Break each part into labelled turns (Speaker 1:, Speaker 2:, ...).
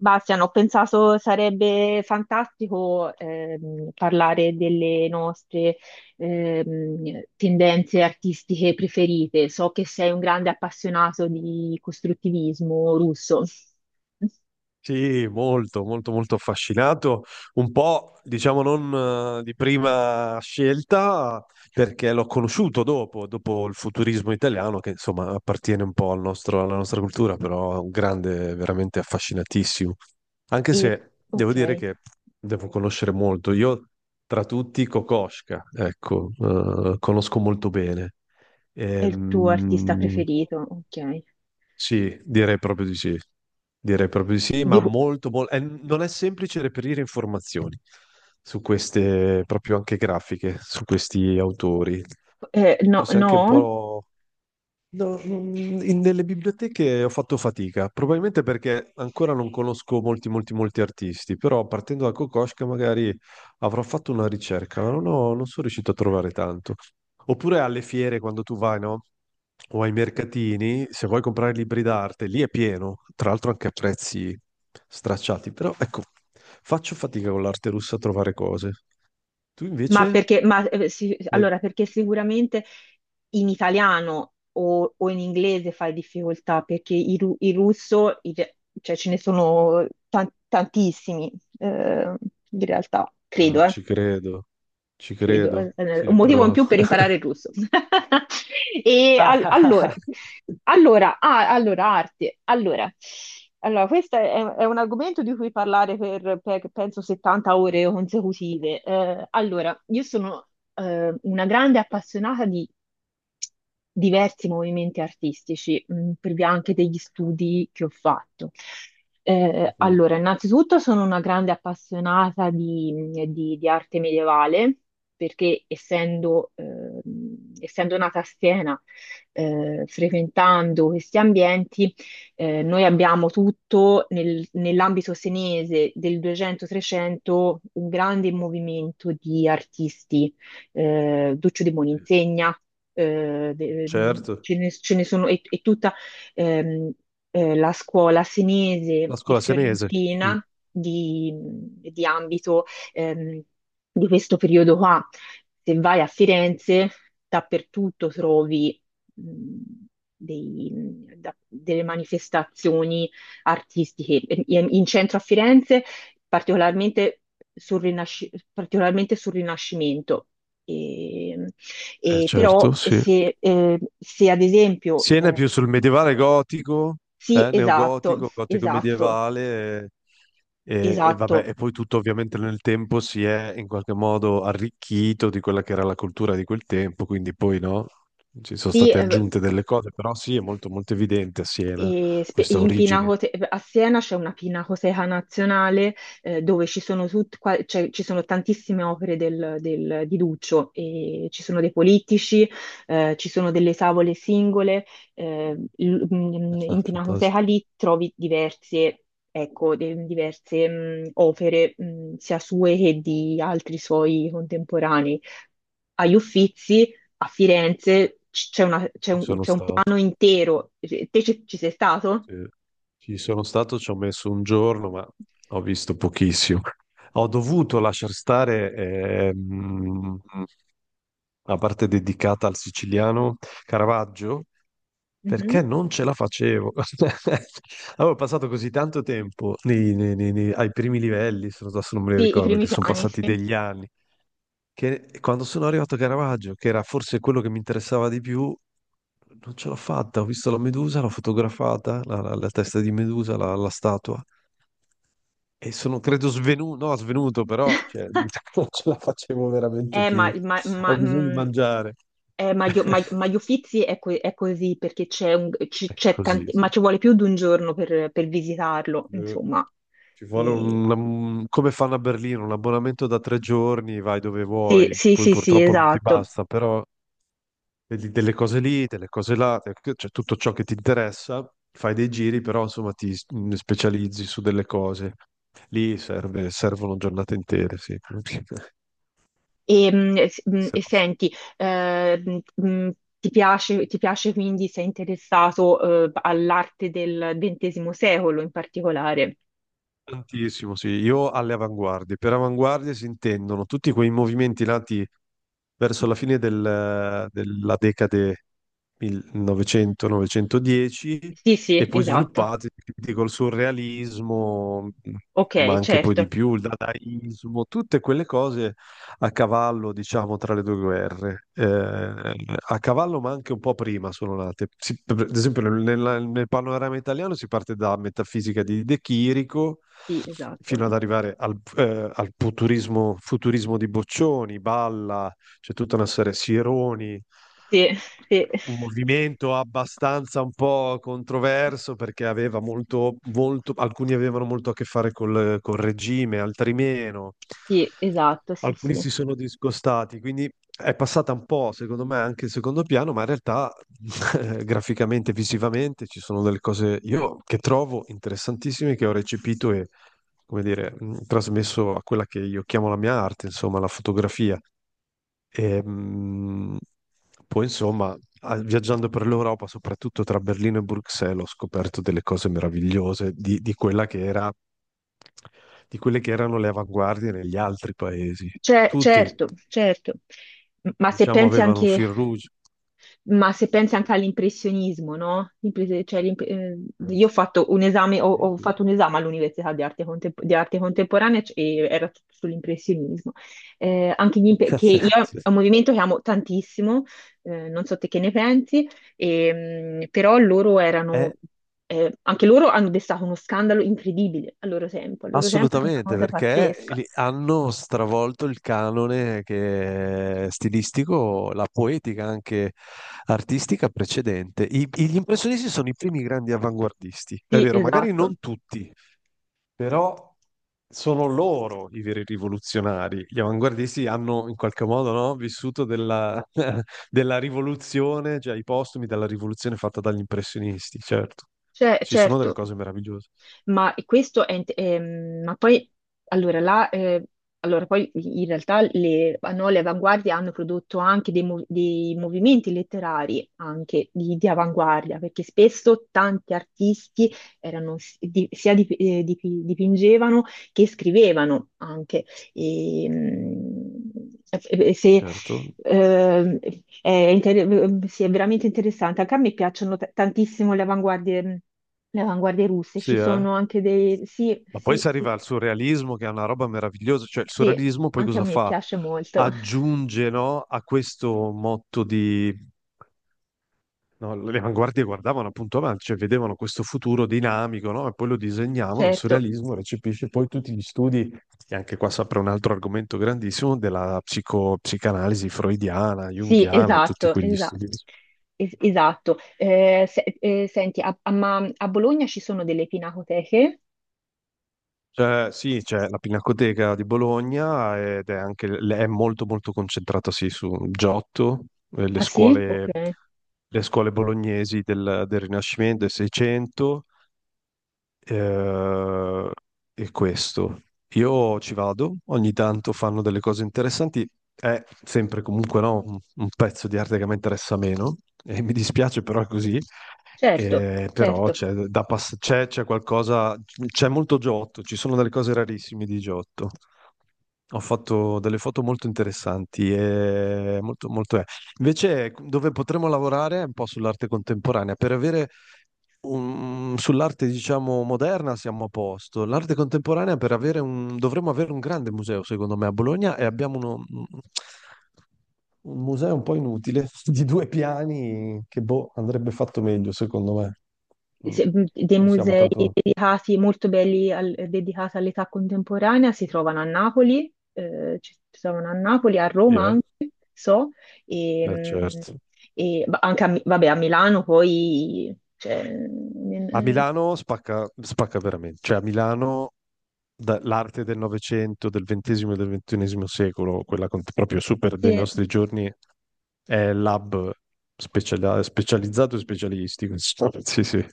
Speaker 1: Bastian, ho pensato sarebbe fantastico parlare delle nostre tendenze artistiche preferite. So che sei un grande appassionato di costruttivismo russo.
Speaker 2: Sì, molto, molto, molto affascinato. Un po', diciamo, non di prima scelta, perché l'ho conosciuto dopo il futurismo italiano, che insomma appartiene un po' alla nostra cultura, però è un grande, veramente affascinatissimo. Anche
Speaker 1: E,
Speaker 2: se devo
Speaker 1: ok,
Speaker 2: dire
Speaker 1: è
Speaker 2: che devo conoscere molto. Io, tra tutti, Kokoschka, ecco, conosco molto bene.
Speaker 1: il tuo artista
Speaker 2: Ehm,
Speaker 1: preferito, ok.
Speaker 2: sì, direi proprio di sì. Direi proprio di sì, ma
Speaker 1: Di-
Speaker 2: molto, non è semplice reperire informazioni su queste, proprio anche grafiche, su questi autori.
Speaker 1: no,
Speaker 2: Forse anche un
Speaker 1: no?
Speaker 2: po'. No, nelle biblioteche ho fatto fatica, probabilmente perché ancora non conosco molti, molti, molti artisti, però partendo da Kokoschka magari avrò fatto una ricerca, ma non sono riuscito a trovare tanto. Oppure alle fiere, quando tu vai, no? O ai mercatini, se vuoi comprare libri d'arte, lì è pieno, tra l'altro anche a prezzi stracciati, però ecco, faccio fatica con l'arte russa a trovare cose. Tu
Speaker 1: Ma
Speaker 2: invece?
Speaker 1: perché, ma, sì,
Speaker 2: Sei-
Speaker 1: allora, perché sicuramente in italiano o in inglese fai difficoltà, perché il russo, cioè ce ne sono tantissimi, eh, in realtà,
Speaker 2: Ah,
Speaker 1: credo,
Speaker 2: ci
Speaker 1: credo,
Speaker 2: credo,
Speaker 1: un
Speaker 2: sì,
Speaker 1: motivo in
Speaker 2: però.
Speaker 1: più per imparare il russo. E allora, arte. Allora, questo è un argomento di cui parlare per, penso 70 ore consecutive. Allora, io sono una grande appassionata diversi movimenti artistici, per via anche degli studi che ho fatto.
Speaker 2: Mhm.
Speaker 1: Allora, innanzitutto sono una grande appassionata di arte medievale, perché essendo nata a Siena, frequentando questi ambienti, noi abbiamo tutto nell'ambito senese del 200-300 un grande movimento di artisti, Duccio di
Speaker 2: Sì.
Speaker 1: Buoninsegna,
Speaker 2: Certo,
Speaker 1: ce ne sono, è tutta ehm, la scuola senese
Speaker 2: la
Speaker 1: e
Speaker 2: scuola senese. Mm.
Speaker 1: fiorentina di ambito ehm, di questo periodo qua. Se vai a Firenze, dappertutto trovi mh, dei- delle manifestazioni artistiche. In centro a Firenze particolarmente particolarmente sul Rinascimento. E, e, però
Speaker 2: Certo, sì.
Speaker 1: se ad esempio,
Speaker 2: Siena è più sul medievale gotico,
Speaker 1: sì, esatto,
Speaker 2: neogotico, gotico
Speaker 1: esatto,
Speaker 2: medievale, e vabbè,
Speaker 1: esatto,
Speaker 2: e poi tutto ovviamente nel tempo si è in qualche modo arricchito di quella che era la cultura di quel tempo, quindi poi no, ci sono
Speaker 1: sì.
Speaker 2: state aggiunte delle cose, però sì, è molto molto evidente a Siena questa origine.
Speaker 1: A Siena c'è una pinacoteca nazionale dove ci sono, tut- qua- cioè, ci sono tantissime opere di Duccio, e ci sono dei politici, ci sono delle tavole singole. In
Speaker 2: Ah,
Speaker 1: Pinacoteca
Speaker 2: fantastico,
Speaker 1: lì trovi diverse, ecco, diverse opere, sia sue che di altri suoi contemporanei. Agli Uffizi, a Firenze, c- c'è una- c'è
Speaker 2: ci
Speaker 1: un,
Speaker 2: sono
Speaker 1: c'è un
Speaker 2: stato.
Speaker 1: anno intero. Te ci sei stato?
Speaker 2: Sì. Ci sono stato, ci ho messo un giorno, ma ho visto pochissimo. Ho dovuto lasciar stare la parte dedicata al siciliano Caravaggio
Speaker 1: Mhm.
Speaker 2: perché non ce la facevo. Avevo passato così tanto tempo ai primi livelli, se non adesso non me li
Speaker 1: Sì, i
Speaker 2: ricordo
Speaker 1: primi
Speaker 2: perché sono
Speaker 1: piani,
Speaker 2: passati
Speaker 1: sì.
Speaker 2: degli anni, che quando sono arrivato a Caravaggio, che era forse quello che mi interessava di più, non ce l'ho fatta. Ho visto la Medusa, l'ho fotografata, la testa di Medusa, la statua, e sono credo svenuto, no, svenuto, però cioè, non ce la facevo veramente
Speaker 1: Eh, ma,
Speaker 2: più.
Speaker 1: ma, ma,
Speaker 2: Ho bisogno di
Speaker 1: mh,
Speaker 2: mangiare.
Speaker 1: ma gli Uffizi è così perché c'è un, ci-
Speaker 2: È
Speaker 1: c'è
Speaker 2: così,
Speaker 1: tanti,
Speaker 2: sì.
Speaker 1: ma ci vuole più di un giorno per visitarlo,
Speaker 2: Eh,
Speaker 1: insomma.
Speaker 2: Ci vuole
Speaker 1: E-
Speaker 2: come fanno a Berlino, un abbonamento da 3 giorni, vai dove
Speaker 1: sì,
Speaker 2: vuoi,
Speaker 1: sì,
Speaker 2: poi
Speaker 1: sì, sì,
Speaker 2: purtroppo non ti
Speaker 1: esatto.
Speaker 2: basta, però vedi delle cose lì, delle cose là, cioè tutto ciò che ti interessa, fai dei giri, però insomma specializzi su delle cose. Lì servono giornate intere, sì.
Speaker 1: E, mh, s- mh,
Speaker 2: Se
Speaker 1: e
Speaker 2: no.
Speaker 1: senti, eh, mh, mh, ti piace quindi, sei interessato, all'arte del XX secolo in particolare?
Speaker 2: Tantissimo, sì, io alle avanguardie. Per avanguardie si intendono tutti quei movimenti nati verso la fine della decade 1900-910
Speaker 1: Sì, sì,
Speaker 2: e poi
Speaker 1: esatto.
Speaker 2: sviluppati quindi col surrealismo, ma
Speaker 1: Ok,
Speaker 2: anche poi di
Speaker 1: certo.
Speaker 2: più, il dadaismo, tutte quelle cose a cavallo, diciamo, tra le due guerre. A cavallo, ma anche un po' prima sono nate. Per esempio, nel panorama italiano si parte da Metafisica di De Chirico
Speaker 1: Sì, esatto.
Speaker 2: fino ad arrivare al futurismo, futurismo di Boccioni, Balla, c'è tutta una serie, Sironi.
Speaker 1: Sì, sì,
Speaker 2: Un movimento abbastanza un po' controverso perché aveva molto, molto, alcuni avevano molto a che fare col regime, altri meno.
Speaker 1: sì, esatto, sì,
Speaker 2: Alcuni
Speaker 1: sì.
Speaker 2: si sono discostati, quindi è passata un po', secondo me, anche in secondo piano, ma in realtà graficamente, visivamente ci sono delle cose io che trovo interessantissime che ho recepito e, come dire, trasmesso a quella che io chiamo la mia arte, insomma, la fotografia. E, poi, insomma, viaggiando per l'Europa, soprattutto tra Berlino e Bruxelles, ho scoperto delle cose meravigliose di, quella che era, di quelle che erano le avanguardie negli altri paesi.
Speaker 1: Cioè,
Speaker 2: Tutti,
Speaker 1: certo, certo. Ma se
Speaker 2: diciamo,
Speaker 1: pensi
Speaker 2: avevano un
Speaker 1: anche
Speaker 2: fil rouge.
Speaker 1: Ma se pensi anche all'impressionismo, no?
Speaker 2: Eh,
Speaker 1: Io ho fatto un esame, ho,
Speaker 2: Sì,
Speaker 1: ho
Speaker 2: sì.
Speaker 1: fatto un esame all'università di arte, di arte contemporanea, e era tutto sull'impressionismo. Anche gli imp- che
Speaker 2: Sì.
Speaker 1: io È un movimento che amo tantissimo, non so te che ne pensi, però loro erano,
Speaker 2: Eh,
Speaker 1: anche loro hanno destato uno scandalo incredibile al loro tempo, era una
Speaker 2: assolutamente,
Speaker 1: cosa
Speaker 2: perché
Speaker 1: pazzesca.
Speaker 2: hanno stravolto il canone che è stilistico, la poetica anche artistica precedente. Gli impressionisti sono i primi grandi avanguardisti, è
Speaker 1: Sì,
Speaker 2: vero, magari
Speaker 1: esatto.
Speaker 2: non tutti, però sono loro i veri rivoluzionari. Gli avanguardisti hanno in qualche modo, no, vissuto della, della rivoluzione, cioè i postumi della rivoluzione fatta dagli impressionisti, certo.
Speaker 1: Cioè,
Speaker 2: Ci sono delle
Speaker 1: certo.
Speaker 2: cose meravigliose,
Speaker 1: Ma poi, allora, là, eh, allora, poi in realtà le, no, le avanguardie hanno prodotto anche dei movimenti letterari, anche di avanguardia, perché spesso tanti artisti erano, s- di- sia dip- dip- dipingevano che scrivevano anche. E, mm, se,
Speaker 2: certo.
Speaker 1: ehm, è inter- si è veramente interessante. Anche a me piacciono tantissimo le avanguardie, russe,
Speaker 2: Sì,
Speaker 1: ci
Speaker 2: eh?
Speaker 1: sono anche. Sì,
Speaker 2: Ma poi
Speaker 1: sì,
Speaker 2: si
Speaker 1: sì,
Speaker 2: arriva al surrealismo, che è una roba meravigliosa, cioè il
Speaker 1: sì,
Speaker 2: surrealismo poi
Speaker 1: anche a
Speaker 2: cosa
Speaker 1: me
Speaker 2: fa?
Speaker 1: piace molto.
Speaker 2: Aggiunge, no, a questo motto di. No, le avanguardie guardavano appunto avanti, cioè vedevano questo futuro dinamico, no? E poi lo disegnavano, il
Speaker 1: Certo,
Speaker 2: surrealismo recepisce poi tutti gli studi, e anche qua si apre un altro argomento grandissimo, della psicanalisi freudiana,
Speaker 1: sì,
Speaker 2: junghiana e tutti
Speaker 1: esatto,
Speaker 2: quegli studi.
Speaker 1: esatto. Esatto. Senti, ma a Bologna ci sono delle pinacoteche?
Speaker 2: Cioè, sì, c'è la Pinacoteca di Bologna ed è anche è molto molto concentrata sì, su Giotto, eh, le
Speaker 1: Ah sì?
Speaker 2: scuole,
Speaker 1: Ok,
Speaker 2: le scuole bolognesi del Rinascimento, del Seicento, eh, e questo. Io ci vado, ogni tanto fanno delle cose interessanti, è sempre comunque no, un pezzo di arte che mi interessa meno, e mi dispiace però è così.
Speaker 1: certo,
Speaker 2: Però
Speaker 1: certo.
Speaker 2: c'è qualcosa, c'è molto Giotto, ci sono delle cose rarissime di Giotto. Ho fatto delle foto molto interessanti e molto, molto è. Invece, ecco, dove potremmo lavorare è un po' sull'arte contemporanea. Per avere sull'arte, diciamo, moderna siamo a posto. L'arte contemporanea, per avere dovremmo avere un grande museo, secondo me, a Bologna e abbiamo un museo un po' inutile di due piani che, boh, andrebbe fatto meglio, secondo me. Mm.
Speaker 1: se- Dei
Speaker 2: Non siamo
Speaker 1: musei
Speaker 2: tanto.
Speaker 1: dedicati, molto belli dedicati all'età contemporanea si trovano a Napoli, ci si trovano a Napoli, a Roma
Speaker 2: Yeah,
Speaker 1: anche, so, e, mh,
Speaker 2: certo.
Speaker 1: ma anche vabbè, a Milano poi, cioè,
Speaker 2: A Milano spacca, spacca veramente, cioè a Milano l'arte del Novecento, del XX e del XXI secolo, quella proprio super dei
Speaker 1: sì,
Speaker 2: nostri giorni, è specializzato e specialistico. Insomma. Sì, sì.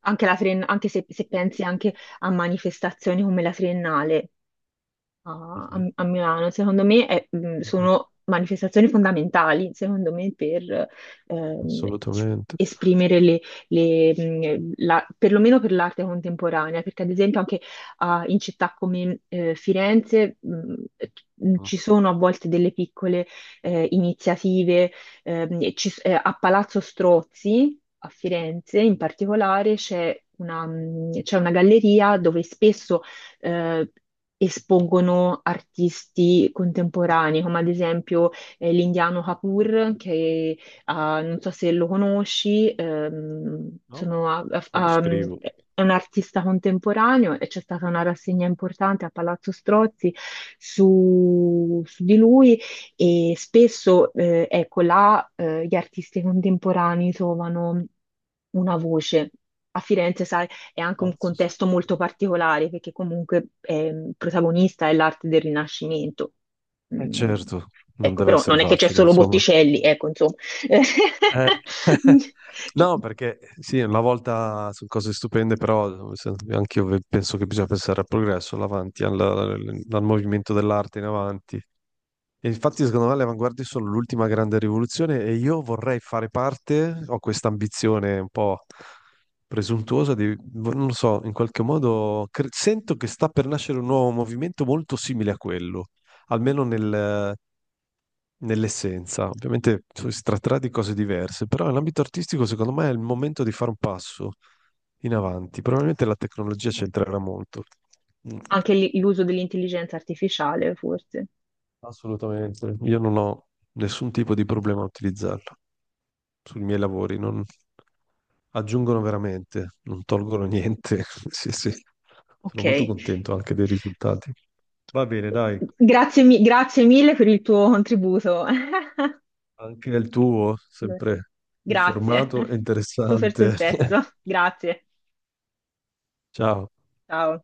Speaker 1: anche, la Triennale- anche se, se pensi anche a manifestazioni come la Triennale, a,
Speaker 2: Mhm.
Speaker 1: a- a Milano, secondo me
Speaker 2: Mhm.
Speaker 1: sono manifestazioni fondamentali, secondo me, per ehm, s-
Speaker 2: Assolutamente.
Speaker 1: esprimere le, perlomeno per l'arte contemporanea, perché ad esempio anche in città come Firenze,
Speaker 2: No,
Speaker 1: ci sono a volte delle piccole iniziative, a Palazzo Strozzi, a Firenze in particolare, c'è una galleria dove spesso eh, espongono artisti contemporanei, come ad esempio l'indiano Kapoor, che non so se lo conosci,
Speaker 2: no,
Speaker 1: sono a-
Speaker 2: me lo
Speaker 1: a- a-
Speaker 2: scrivo.
Speaker 1: è un artista contemporaneo e c'è stata una rassegna importante a Palazzo Strozzi su di lui e spesso ecco, là gli artisti contemporanei trovano una voce. A Firenze, sai, è anche un
Speaker 2: Palazzo St-
Speaker 1: contesto molto particolare perché comunque protagonista è l'arte del Rinascimento.
Speaker 2: Eh
Speaker 1: Mm,
Speaker 2: certo, non
Speaker 1: Ecco,
Speaker 2: deve
Speaker 1: però
Speaker 2: essere
Speaker 1: non è che c'è
Speaker 2: facile,
Speaker 1: solo
Speaker 2: insomma.
Speaker 1: Botticelli, ecco, insomma.
Speaker 2: Eh, no, perché sì, una volta sono cose stupende, però anche io penso che bisogna pensare al progresso, all'avanti, al movimento dell'arte in avanti. E infatti, secondo me, le avanguardie sono l'ultima grande rivoluzione e io vorrei fare parte, ho questa ambizione un po' presuntuosa di, non lo so, in qualche modo sento che sta per nascere un nuovo movimento molto simile a quello, almeno nell'essenza. Ovviamente si tratterà di cose diverse, però nell'ambito artistico secondo me è il momento di fare un passo in avanti. Probabilmente la tecnologia c'entrerà molto. Mm,
Speaker 1: Anche lì l'uso dell'intelligenza artificiale, forse.
Speaker 2: Assolutamente. Io non ho nessun tipo di problema a utilizzarla sui miei lavori, non aggiungono veramente, non tolgono niente. Sì, sì. Sono
Speaker 1: Ok.
Speaker 2: molto contento anche dei risultati. Va bene, dai,
Speaker 1: Grazie, grazie mille per il tuo contributo.
Speaker 2: anche il tuo, sempre
Speaker 1: Grazie.
Speaker 2: informato e
Speaker 1: Super sul
Speaker 2: interessante.
Speaker 1: pezzo. Grazie.
Speaker 2: Ciao.
Speaker 1: Ciao.